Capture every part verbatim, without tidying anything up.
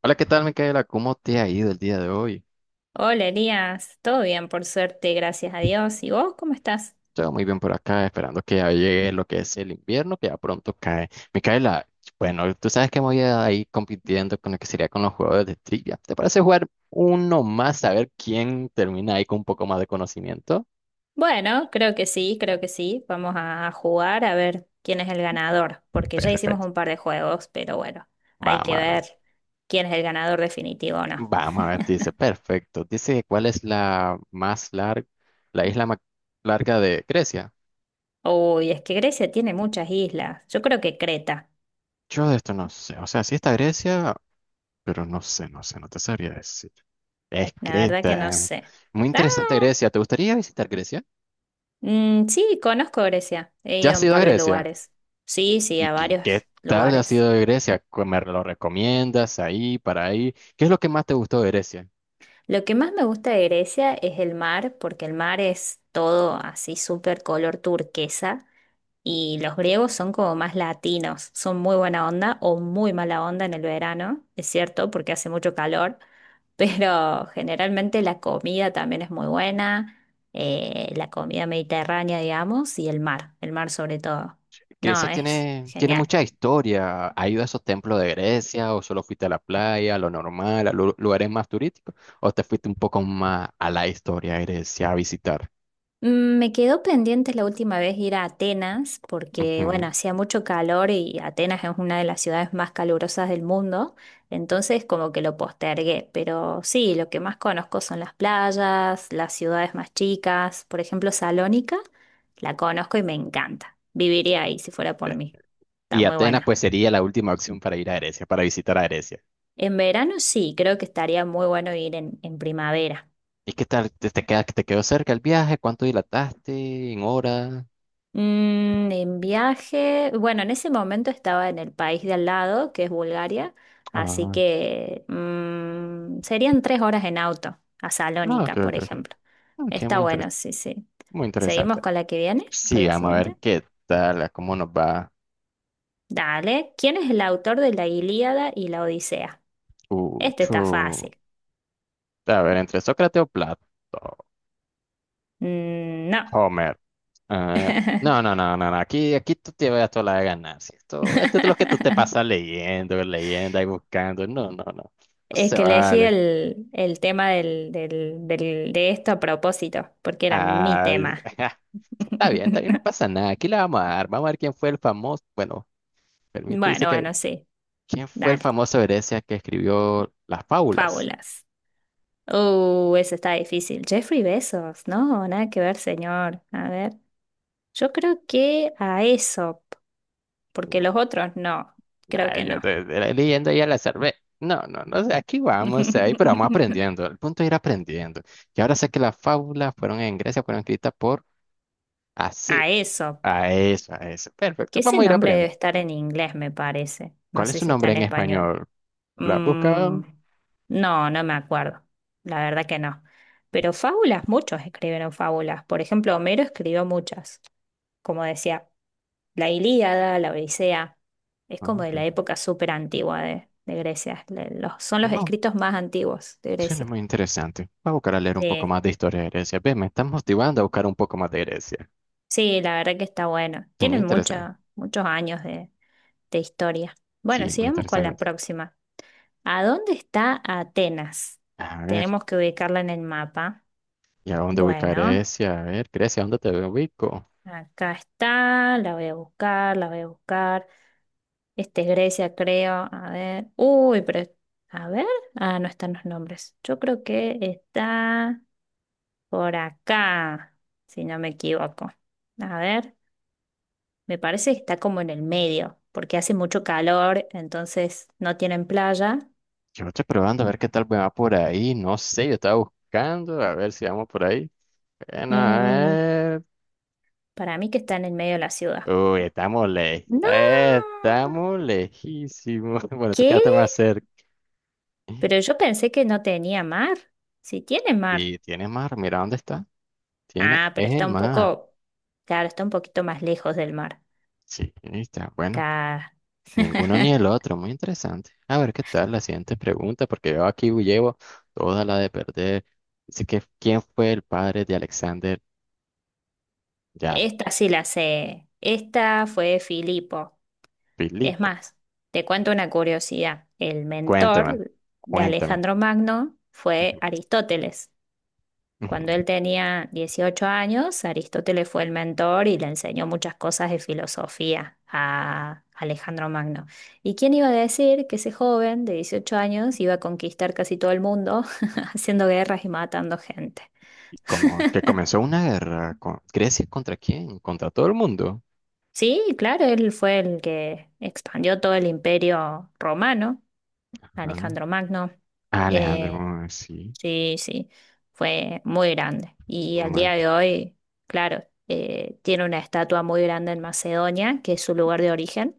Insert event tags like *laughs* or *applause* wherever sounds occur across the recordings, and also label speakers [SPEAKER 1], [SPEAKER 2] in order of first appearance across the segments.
[SPEAKER 1] Hola, ¿qué tal, Micaela? ¿Cómo te ha ido el día de hoy?
[SPEAKER 2] Hola Elías, todo bien por suerte, gracias a Dios. ¿Y vos cómo estás?
[SPEAKER 1] Todo muy bien por acá, esperando que ya llegue lo que es el invierno, que ya pronto cae. Micaela, bueno, tú sabes que me voy a ir compitiendo con lo que sería con los juegos de trivia. ¿Te parece jugar uno más, a ver quién termina ahí con un poco más de conocimiento?
[SPEAKER 2] Bueno, creo que sí, creo que sí. Vamos a jugar a ver quién es el ganador, porque ya hicimos
[SPEAKER 1] Perfecto.
[SPEAKER 2] un par de juegos, pero bueno, hay
[SPEAKER 1] Vamos
[SPEAKER 2] que
[SPEAKER 1] a ver.
[SPEAKER 2] ver quién es el ganador definitivo o no.
[SPEAKER 1] Vamos a ver, dice, perfecto. Dice, ¿cuál es la más larga, la isla más larga de Grecia?
[SPEAKER 2] Uy, es que Grecia tiene muchas islas. Yo creo que Creta.
[SPEAKER 1] Yo de esto no sé. O sea, si está Grecia, pero no sé, no sé, no te sabría decir. Es
[SPEAKER 2] La verdad que no
[SPEAKER 1] Creta.
[SPEAKER 2] sé.
[SPEAKER 1] Muy
[SPEAKER 2] Ah,
[SPEAKER 1] interesante Grecia. ¿Te gustaría visitar Grecia?
[SPEAKER 2] mm, sí, conozco Grecia. He
[SPEAKER 1] ¿Ya
[SPEAKER 2] ido a
[SPEAKER 1] has
[SPEAKER 2] un
[SPEAKER 1] ido a
[SPEAKER 2] par de
[SPEAKER 1] Grecia?
[SPEAKER 2] lugares. Sí, sí,
[SPEAKER 1] ¿Y
[SPEAKER 2] a
[SPEAKER 1] qué, qué
[SPEAKER 2] varios
[SPEAKER 1] tal ha
[SPEAKER 2] lugares.
[SPEAKER 1] sido de Grecia? ¿Cu- ¿Me lo recomiendas ahí, para ahí? ¿Qué es lo que más te gustó de Grecia?
[SPEAKER 2] Lo que más me gusta de Grecia es el mar, porque el mar es todo así súper color turquesa y los griegos son como más latinos, son muy buena onda o muy mala onda en el verano, es cierto, porque hace mucho calor, *laughs* pero generalmente la comida también es muy buena, eh, la comida mediterránea, digamos, y el mar, el mar sobre todo. No,
[SPEAKER 1] Grecia
[SPEAKER 2] es
[SPEAKER 1] tiene, tiene
[SPEAKER 2] genial.
[SPEAKER 1] mucha historia. ¿Has ido a esos templos de Grecia o solo fuiste a la playa, a lo normal, a lu- lugares más turísticos? ¿O te fuiste un poco más a la historia de Grecia a visitar?
[SPEAKER 2] Mm, Me quedó pendiente la última vez ir a Atenas porque, bueno,
[SPEAKER 1] Ujú.
[SPEAKER 2] hacía mucho calor y Atenas es una de las ciudades más calurosas del mundo, entonces como que lo postergué, pero sí, lo que más conozco son las playas, las ciudades más chicas, por ejemplo, Salónica, la conozco y me encanta, viviría ahí si fuera por mí, está
[SPEAKER 1] Y
[SPEAKER 2] muy
[SPEAKER 1] Atenas
[SPEAKER 2] buena.
[SPEAKER 1] pues sería la última opción para ir a Grecia, para visitar a Grecia.
[SPEAKER 2] En verano sí, creo que estaría muy bueno ir en, en primavera.
[SPEAKER 1] ¿Y qué tal? ¿Te, te queda, ¿te quedó cerca el viaje? ¿Cuánto dilataste en horas?
[SPEAKER 2] Mm, en viaje, bueno, en ese momento estaba en el país de al lado, que es Bulgaria, así
[SPEAKER 1] Ah,
[SPEAKER 2] que mm, serían tres horas en auto, a
[SPEAKER 1] no, ok,
[SPEAKER 2] Salónica, por
[SPEAKER 1] ok, ok.
[SPEAKER 2] ejemplo.
[SPEAKER 1] Ok,
[SPEAKER 2] Está
[SPEAKER 1] muy interes-
[SPEAKER 2] bueno, sí, sí.
[SPEAKER 1] muy
[SPEAKER 2] ¿Seguimos
[SPEAKER 1] interesante.
[SPEAKER 2] con la que viene? ¿Con
[SPEAKER 1] Sí,
[SPEAKER 2] la
[SPEAKER 1] vamos a ver
[SPEAKER 2] siguiente?
[SPEAKER 1] qué tal, a cómo nos va.
[SPEAKER 2] Dale. ¿Quién es el autor de la Ilíada y la Odisea?
[SPEAKER 1] Uh,
[SPEAKER 2] Este está
[SPEAKER 1] chu.
[SPEAKER 2] fácil.
[SPEAKER 1] A ver, ¿entre Sócrates o Platón?
[SPEAKER 2] Mm, no.
[SPEAKER 1] Homer. Ah, no, no, no, no, no. Aquí, aquí tú te vas a toda la de ganar. ¿Sí? Esto, esto es lo que tú te pasas
[SPEAKER 2] *laughs*
[SPEAKER 1] leyendo, leyendo y buscando. No, no, no. No
[SPEAKER 2] Es
[SPEAKER 1] se
[SPEAKER 2] que elegí
[SPEAKER 1] vale.
[SPEAKER 2] el, el tema del, del- del- de esto a propósito, porque era mi
[SPEAKER 1] Ay,
[SPEAKER 2] tema.
[SPEAKER 1] *laughs* está bien, está bien, no
[SPEAKER 2] *laughs*
[SPEAKER 1] pasa nada. Aquí la vamos a dar. Vamos a ver quién fue el famoso. Bueno. Permite, dice
[SPEAKER 2] Bueno,
[SPEAKER 1] que
[SPEAKER 2] bueno, sí.
[SPEAKER 1] ¿quién fue el
[SPEAKER 2] Dale.
[SPEAKER 1] famoso Grecia que escribió las fábulas?
[SPEAKER 2] Fábulas. Uh, eso está difícil. Jeffrey Bezos, no, nada que ver, señor. A ver. Yo creo que a Aesop, porque los otros no. Creo
[SPEAKER 1] Ay,
[SPEAKER 2] que
[SPEAKER 1] yo
[SPEAKER 2] no.
[SPEAKER 1] te, te la leyendo ya la salvé. No, no, no sé, aquí vamos, ahí, pero vamos aprendiendo.
[SPEAKER 2] *laughs*
[SPEAKER 1] El punto es ir aprendiendo. Y ahora sé que las fábulas fueron en Grecia, fueron escritas por así.
[SPEAKER 2] A Aesop.
[SPEAKER 1] A eso, a eso.
[SPEAKER 2] Que
[SPEAKER 1] Perfecto,
[SPEAKER 2] ese
[SPEAKER 1] vamos a ir
[SPEAKER 2] nombre debe
[SPEAKER 1] aprendiendo.
[SPEAKER 2] estar en inglés, me parece. No
[SPEAKER 1] ¿Cuál es
[SPEAKER 2] sé
[SPEAKER 1] su
[SPEAKER 2] si está
[SPEAKER 1] nombre
[SPEAKER 2] en
[SPEAKER 1] en
[SPEAKER 2] español.
[SPEAKER 1] español? ¿La has
[SPEAKER 2] Mm,
[SPEAKER 1] buscado?
[SPEAKER 2] no, no me acuerdo. La verdad que no. Pero fábulas, muchos escribieron fábulas. Por ejemplo, Homero escribió muchas. Como decía, la Ilíada, la Odisea, es
[SPEAKER 1] Ah,
[SPEAKER 2] como de
[SPEAKER 1] ok.
[SPEAKER 2] la época súper antigua de, de Grecia. Le- los- son los
[SPEAKER 1] No,
[SPEAKER 2] escritos más antiguos de
[SPEAKER 1] suena
[SPEAKER 2] Grecia.
[SPEAKER 1] muy interesante. Voy a buscar a leer un poco
[SPEAKER 2] Sí,
[SPEAKER 1] más de historia de Grecia. Ve, me están motivando a buscar un poco más de Grecia.
[SPEAKER 2] sí, la verdad que está bueno.
[SPEAKER 1] Muy
[SPEAKER 2] Tienen
[SPEAKER 1] interesante.
[SPEAKER 2] mucha- muchos años de, de historia. Bueno,
[SPEAKER 1] Sí, muy
[SPEAKER 2] sigamos con la
[SPEAKER 1] interesante.
[SPEAKER 2] próxima. ¿A dónde está Atenas?
[SPEAKER 1] A ver.
[SPEAKER 2] Tenemos que ubicarla en el mapa.
[SPEAKER 1] ¿Y a dónde ubica
[SPEAKER 2] Bueno,
[SPEAKER 1] Grecia? A ver, Grecia, ¿a ¿dónde te ubico?
[SPEAKER 2] acá está, la voy a buscar, la voy a buscar. Este es Grecia, creo. A ver. Uy, pero. A ver. Ah, no están los nombres. Yo creo que está por acá, si no me equivoco. A ver, me parece que está como en el medio, porque hace mucho calor, entonces no tienen playa.
[SPEAKER 1] Yo estoy probando a ver qué tal me va por ahí. No sé, yo estaba buscando a ver si vamos por ahí. Bueno, a
[SPEAKER 2] Mm,
[SPEAKER 1] ver.
[SPEAKER 2] para mí que está en el medio de la ciudad.
[SPEAKER 1] Uy, estamos lejos,
[SPEAKER 2] ¡No!
[SPEAKER 1] estamos lejísimos. *laughs* Bueno, tú
[SPEAKER 2] ¿Qué?
[SPEAKER 1] quedaste más cerca.
[SPEAKER 2] Pero yo pensé que no tenía mar. Sí tiene mar.
[SPEAKER 1] Y tiene mar, mira dónde está. Tiene,
[SPEAKER 2] Ah, pero
[SPEAKER 1] es
[SPEAKER 2] está
[SPEAKER 1] el
[SPEAKER 2] un
[SPEAKER 1] mar.
[SPEAKER 2] poco. Claro, está un poquito más lejos del mar.
[SPEAKER 1] Sí, ahí está. Bueno,
[SPEAKER 2] Claro.
[SPEAKER 1] ninguno ni
[SPEAKER 2] *laughs*
[SPEAKER 1] el otro. Muy interesante. A ver qué tal la siguiente pregunta, porque yo aquí llevo toda la de perder. Dice que, ¿quién fue el padre de Alexander? Ya,
[SPEAKER 2] Esta sí la sé. Esta fue Filipo. Es
[SPEAKER 1] Filipo,
[SPEAKER 2] más, te cuento una curiosidad. El
[SPEAKER 1] cuéntame,
[SPEAKER 2] mentor de
[SPEAKER 1] cuéntame.
[SPEAKER 2] Alejandro Magno fue
[SPEAKER 1] Ujú,
[SPEAKER 2] Aristóteles. Cuando
[SPEAKER 1] ujú.
[SPEAKER 2] él tenía dieciocho años, Aristóteles fue el mentor y le enseñó muchas cosas de filosofía a Alejandro Magno. ¿Y quién iba a decir que ese joven de dieciocho años iba a conquistar casi todo el mundo *laughs* haciendo guerras y matando gente?
[SPEAKER 1] Y como que comenzó una guerra con Grecia contra quién, contra todo el mundo.
[SPEAKER 2] Sí, claro, él fue el que expandió todo el imperio romano,
[SPEAKER 1] Ajá.
[SPEAKER 2] Alejandro Magno.
[SPEAKER 1] Ah, Alejandro,
[SPEAKER 2] Eh,
[SPEAKER 1] mm, sí.
[SPEAKER 2] sí, sí, fue muy grande. Y al día de hoy, claro, eh, tiene una estatua muy grande en Macedonia, que es su lugar de origen,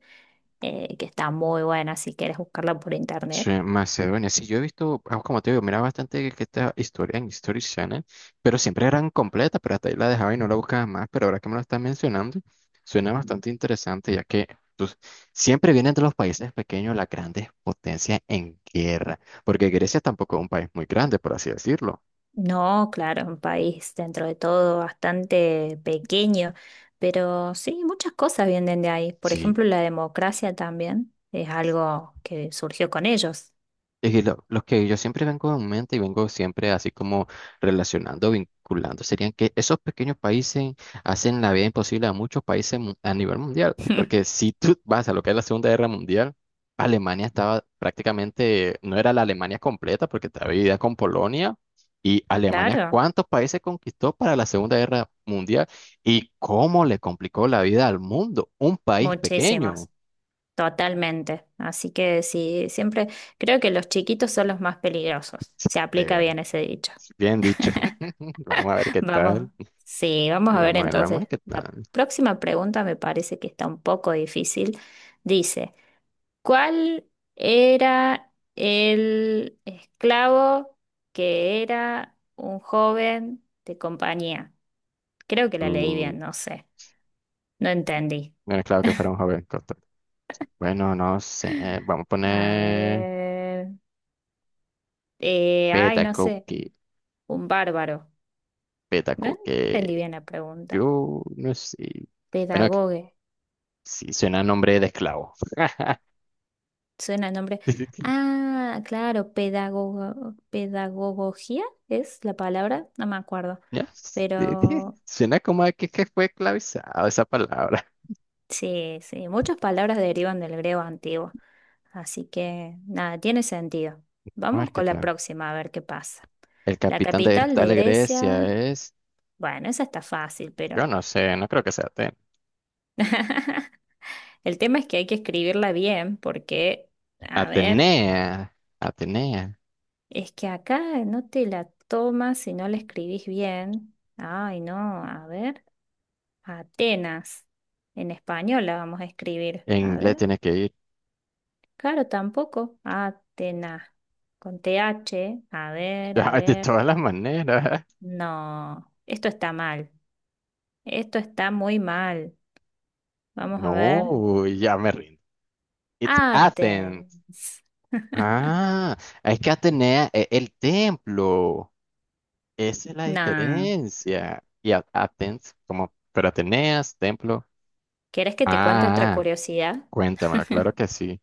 [SPEAKER 2] eh, que está muy buena si quieres buscarla por
[SPEAKER 1] Sí,
[SPEAKER 2] internet.
[SPEAKER 1] Macedonia. Sí, yo he visto, ah, como te digo, miraba bastante que esta historia en History Channel, pero siempre eran completas, pero hasta ahí la dejaba y no la buscaba más. Pero ahora que me lo estás mencionando, suena bastante interesante, ya que pues, siempre vienen de los países pequeños las grandes potencias en guerra, porque Grecia tampoco es un país muy grande, por así decirlo.
[SPEAKER 2] No, claro, un país dentro de todo bastante pequeño, pero sí, muchas cosas vienen de ahí. Por
[SPEAKER 1] Sí,
[SPEAKER 2] ejemplo, la democracia también es algo que surgió con ellos.
[SPEAKER 1] y lo, lo que yo siempre vengo en mente y vengo siempre así como relacionando, vinculando, serían que esos pequeños países hacen la vida imposible a muchos países mu- a nivel mundial. Porque
[SPEAKER 2] *laughs*
[SPEAKER 1] si tú vas a lo que es la Segunda Guerra Mundial, Alemania estaba prácticamente, no era la Alemania completa porque estaba dividida con Polonia. Y Alemania,
[SPEAKER 2] Claro,
[SPEAKER 1] ¿cuántos países conquistó para la Segunda Guerra Mundial? ¿Y cómo le complicó la vida al mundo? Un país pequeño.
[SPEAKER 2] muchísimos, totalmente. Así que sí, siempre creo que los chiquitos son los más peligrosos. Se
[SPEAKER 1] *laughs*
[SPEAKER 2] aplica
[SPEAKER 1] De-
[SPEAKER 2] bien ese dicho.
[SPEAKER 1] Bien dicho. *laughs* Vamos
[SPEAKER 2] *laughs*
[SPEAKER 1] a ver qué
[SPEAKER 2] Vamos,
[SPEAKER 1] tal.
[SPEAKER 2] sí, vamos
[SPEAKER 1] Y
[SPEAKER 2] a ver
[SPEAKER 1] vamos a ver, vamos a
[SPEAKER 2] entonces.
[SPEAKER 1] ver qué
[SPEAKER 2] La
[SPEAKER 1] tal.
[SPEAKER 2] próxima pregunta me parece que está un poco difícil. Dice. ¿Cuál era el esclavo que era un joven de compañía? Creo que la leí
[SPEAKER 1] Mm,
[SPEAKER 2] bien, no sé, no entendí.
[SPEAKER 1] bueno, claro que fuera un joven costo. Bueno, no sé. Vamos a
[SPEAKER 2] A
[SPEAKER 1] poner
[SPEAKER 2] ver, eh, ay,
[SPEAKER 1] beta
[SPEAKER 2] no sé,
[SPEAKER 1] cookie.
[SPEAKER 2] un bárbaro.
[SPEAKER 1] Beta
[SPEAKER 2] No entendí
[SPEAKER 1] cookie.
[SPEAKER 2] bien la pregunta.
[SPEAKER 1] Yo no sé. Bueno, que-
[SPEAKER 2] Pedagogue,
[SPEAKER 1] sí, suena a nombre de esclavo.
[SPEAKER 2] suena el nombre.
[SPEAKER 1] *laughs*
[SPEAKER 2] Ah, claro, pedagogo, pedagogía es la palabra, no me acuerdo,
[SPEAKER 1] Ya, sí, sí
[SPEAKER 2] pero
[SPEAKER 1] suena como a que, que fue esclavizado esa palabra.
[SPEAKER 2] sí, sí, muchas palabras derivan del griego antiguo, así que nada, tiene sentido.
[SPEAKER 1] Vamos a
[SPEAKER 2] Vamos
[SPEAKER 1] ver qué
[SPEAKER 2] con la
[SPEAKER 1] tal.
[SPEAKER 2] próxima a ver qué pasa.
[SPEAKER 1] El
[SPEAKER 2] La
[SPEAKER 1] capitán de
[SPEAKER 2] capital de
[SPEAKER 1] tal Grecia
[SPEAKER 2] Grecia,
[SPEAKER 1] es.
[SPEAKER 2] bueno, esa está fácil,
[SPEAKER 1] Yo
[SPEAKER 2] pero
[SPEAKER 1] no sé, no creo que sea Aten-.
[SPEAKER 2] el tema es que hay que escribirla bien porque, a ver,
[SPEAKER 1] Atenea. Atenea.
[SPEAKER 2] es que acá no te la tomas si no la escribís bien. Ay, no, a ver, Atenas, en español la vamos a escribir.
[SPEAKER 1] En
[SPEAKER 2] A
[SPEAKER 1] inglés
[SPEAKER 2] ver,
[SPEAKER 1] tiene que ir.
[SPEAKER 2] claro, tampoco, Atenas. Con T H, a ver, a
[SPEAKER 1] *laughs* De
[SPEAKER 2] ver.
[SPEAKER 1] todas las maneras.
[SPEAKER 2] No, esto está mal. Esto está muy mal. Vamos a ver.
[SPEAKER 1] No, ya me rindo. It's Athens.
[SPEAKER 2] Athens.
[SPEAKER 1] Ah, es que Atenea es el templo. Esa es la
[SPEAKER 2] No.
[SPEAKER 1] diferencia. Y a- Athens, como, pero Ateneas, templo.
[SPEAKER 2] ¿Querés que te cuente otra
[SPEAKER 1] Ah,
[SPEAKER 2] curiosidad? *laughs*
[SPEAKER 1] cuéntamelo, claro que sí.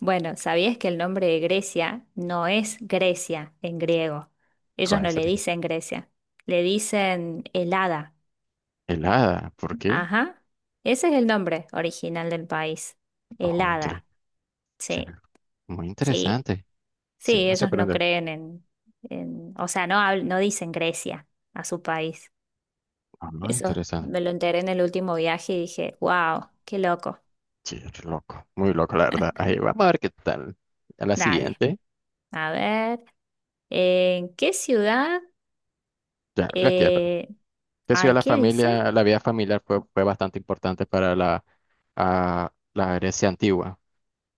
[SPEAKER 2] Bueno, ¿sabías que el nombre de Grecia no es Grecia en griego? Ellos
[SPEAKER 1] ¿Cuál
[SPEAKER 2] no le
[SPEAKER 1] sería?
[SPEAKER 2] dicen Grecia, le dicen Helada.
[SPEAKER 1] El ¿por qué?
[SPEAKER 2] Ajá. Ese es el nombre original del país.
[SPEAKER 1] Oh, inter-
[SPEAKER 2] Helada. Sí,
[SPEAKER 1] suena muy
[SPEAKER 2] sí.
[SPEAKER 1] interesante.
[SPEAKER 2] Sí,
[SPEAKER 1] Siempre se
[SPEAKER 2] ellos no
[SPEAKER 1] aprende.
[SPEAKER 2] creen en, en- o sea, no, habl- no dicen Grecia a su país.
[SPEAKER 1] Ah, no,
[SPEAKER 2] Eso
[SPEAKER 1] interesante.
[SPEAKER 2] me lo enteré en el último viaje y dije, wow, qué loco.
[SPEAKER 1] Sí, es loco, muy loco, la verdad. Ahí vamos a ver qué tal. A la
[SPEAKER 2] Dale,
[SPEAKER 1] siguiente.
[SPEAKER 2] a ver, ¿en qué ciudad?
[SPEAKER 1] Ya, la que
[SPEAKER 2] eh,
[SPEAKER 1] que sí,
[SPEAKER 2] Ay,
[SPEAKER 1] la
[SPEAKER 2] ¿qué dice?
[SPEAKER 1] familia, la vida familiar fue, fue bastante importante para la, ah, la Grecia antigua.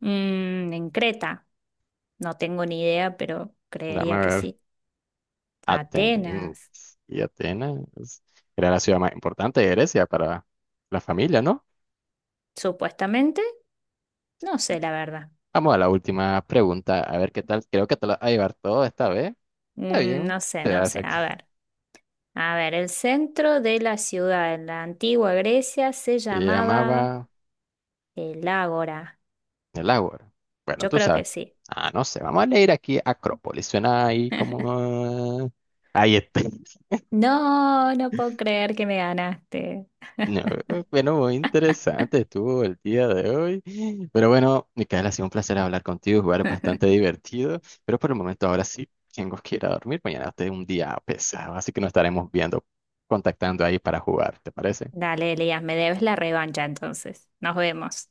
[SPEAKER 2] Mm, en Creta. No tengo ni idea, pero
[SPEAKER 1] Dame
[SPEAKER 2] creería
[SPEAKER 1] a
[SPEAKER 2] que
[SPEAKER 1] ver,
[SPEAKER 2] sí.
[SPEAKER 1] Atenas. Mm,
[SPEAKER 2] Atenas,
[SPEAKER 1] y Atenas era la ciudad más importante de Grecia para la familia, ¿no?
[SPEAKER 2] supuestamente. No sé, la verdad.
[SPEAKER 1] Vamos a la última pregunta, a ver qué tal. Creo que te la vas a llevar todo esta vez. Está
[SPEAKER 2] Mm,
[SPEAKER 1] bien.
[SPEAKER 2] no sé,
[SPEAKER 1] Te
[SPEAKER 2] no sé.
[SPEAKER 1] hace-.
[SPEAKER 2] A ver. A ver, el centro de la ciudad en la antigua Grecia se
[SPEAKER 1] Se
[SPEAKER 2] llamaba
[SPEAKER 1] llamaba
[SPEAKER 2] el Ágora.
[SPEAKER 1] el Ágora. Bueno,
[SPEAKER 2] Yo
[SPEAKER 1] tú
[SPEAKER 2] creo
[SPEAKER 1] sabes.
[SPEAKER 2] que sí.
[SPEAKER 1] Ah, no sé, vamos a leer aquí Acrópolis. Suena ahí como... ah, ahí está.
[SPEAKER 2] No, no puedo creer que me ganaste.
[SPEAKER 1] No, bueno, muy interesante estuvo el día de hoy. Pero bueno, Micaela, ha sido un placer hablar contigo, jugar
[SPEAKER 2] *laughs*
[SPEAKER 1] bastante divertido. Pero por el momento ahora sí tengo que ir a dormir. Mañana es un día pesado, así que nos estaremos viendo, contactando ahí para jugar, ¿te parece?
[SPEAKER 2] Dale, Elías, me debes la revancha entonces. Nos vemos.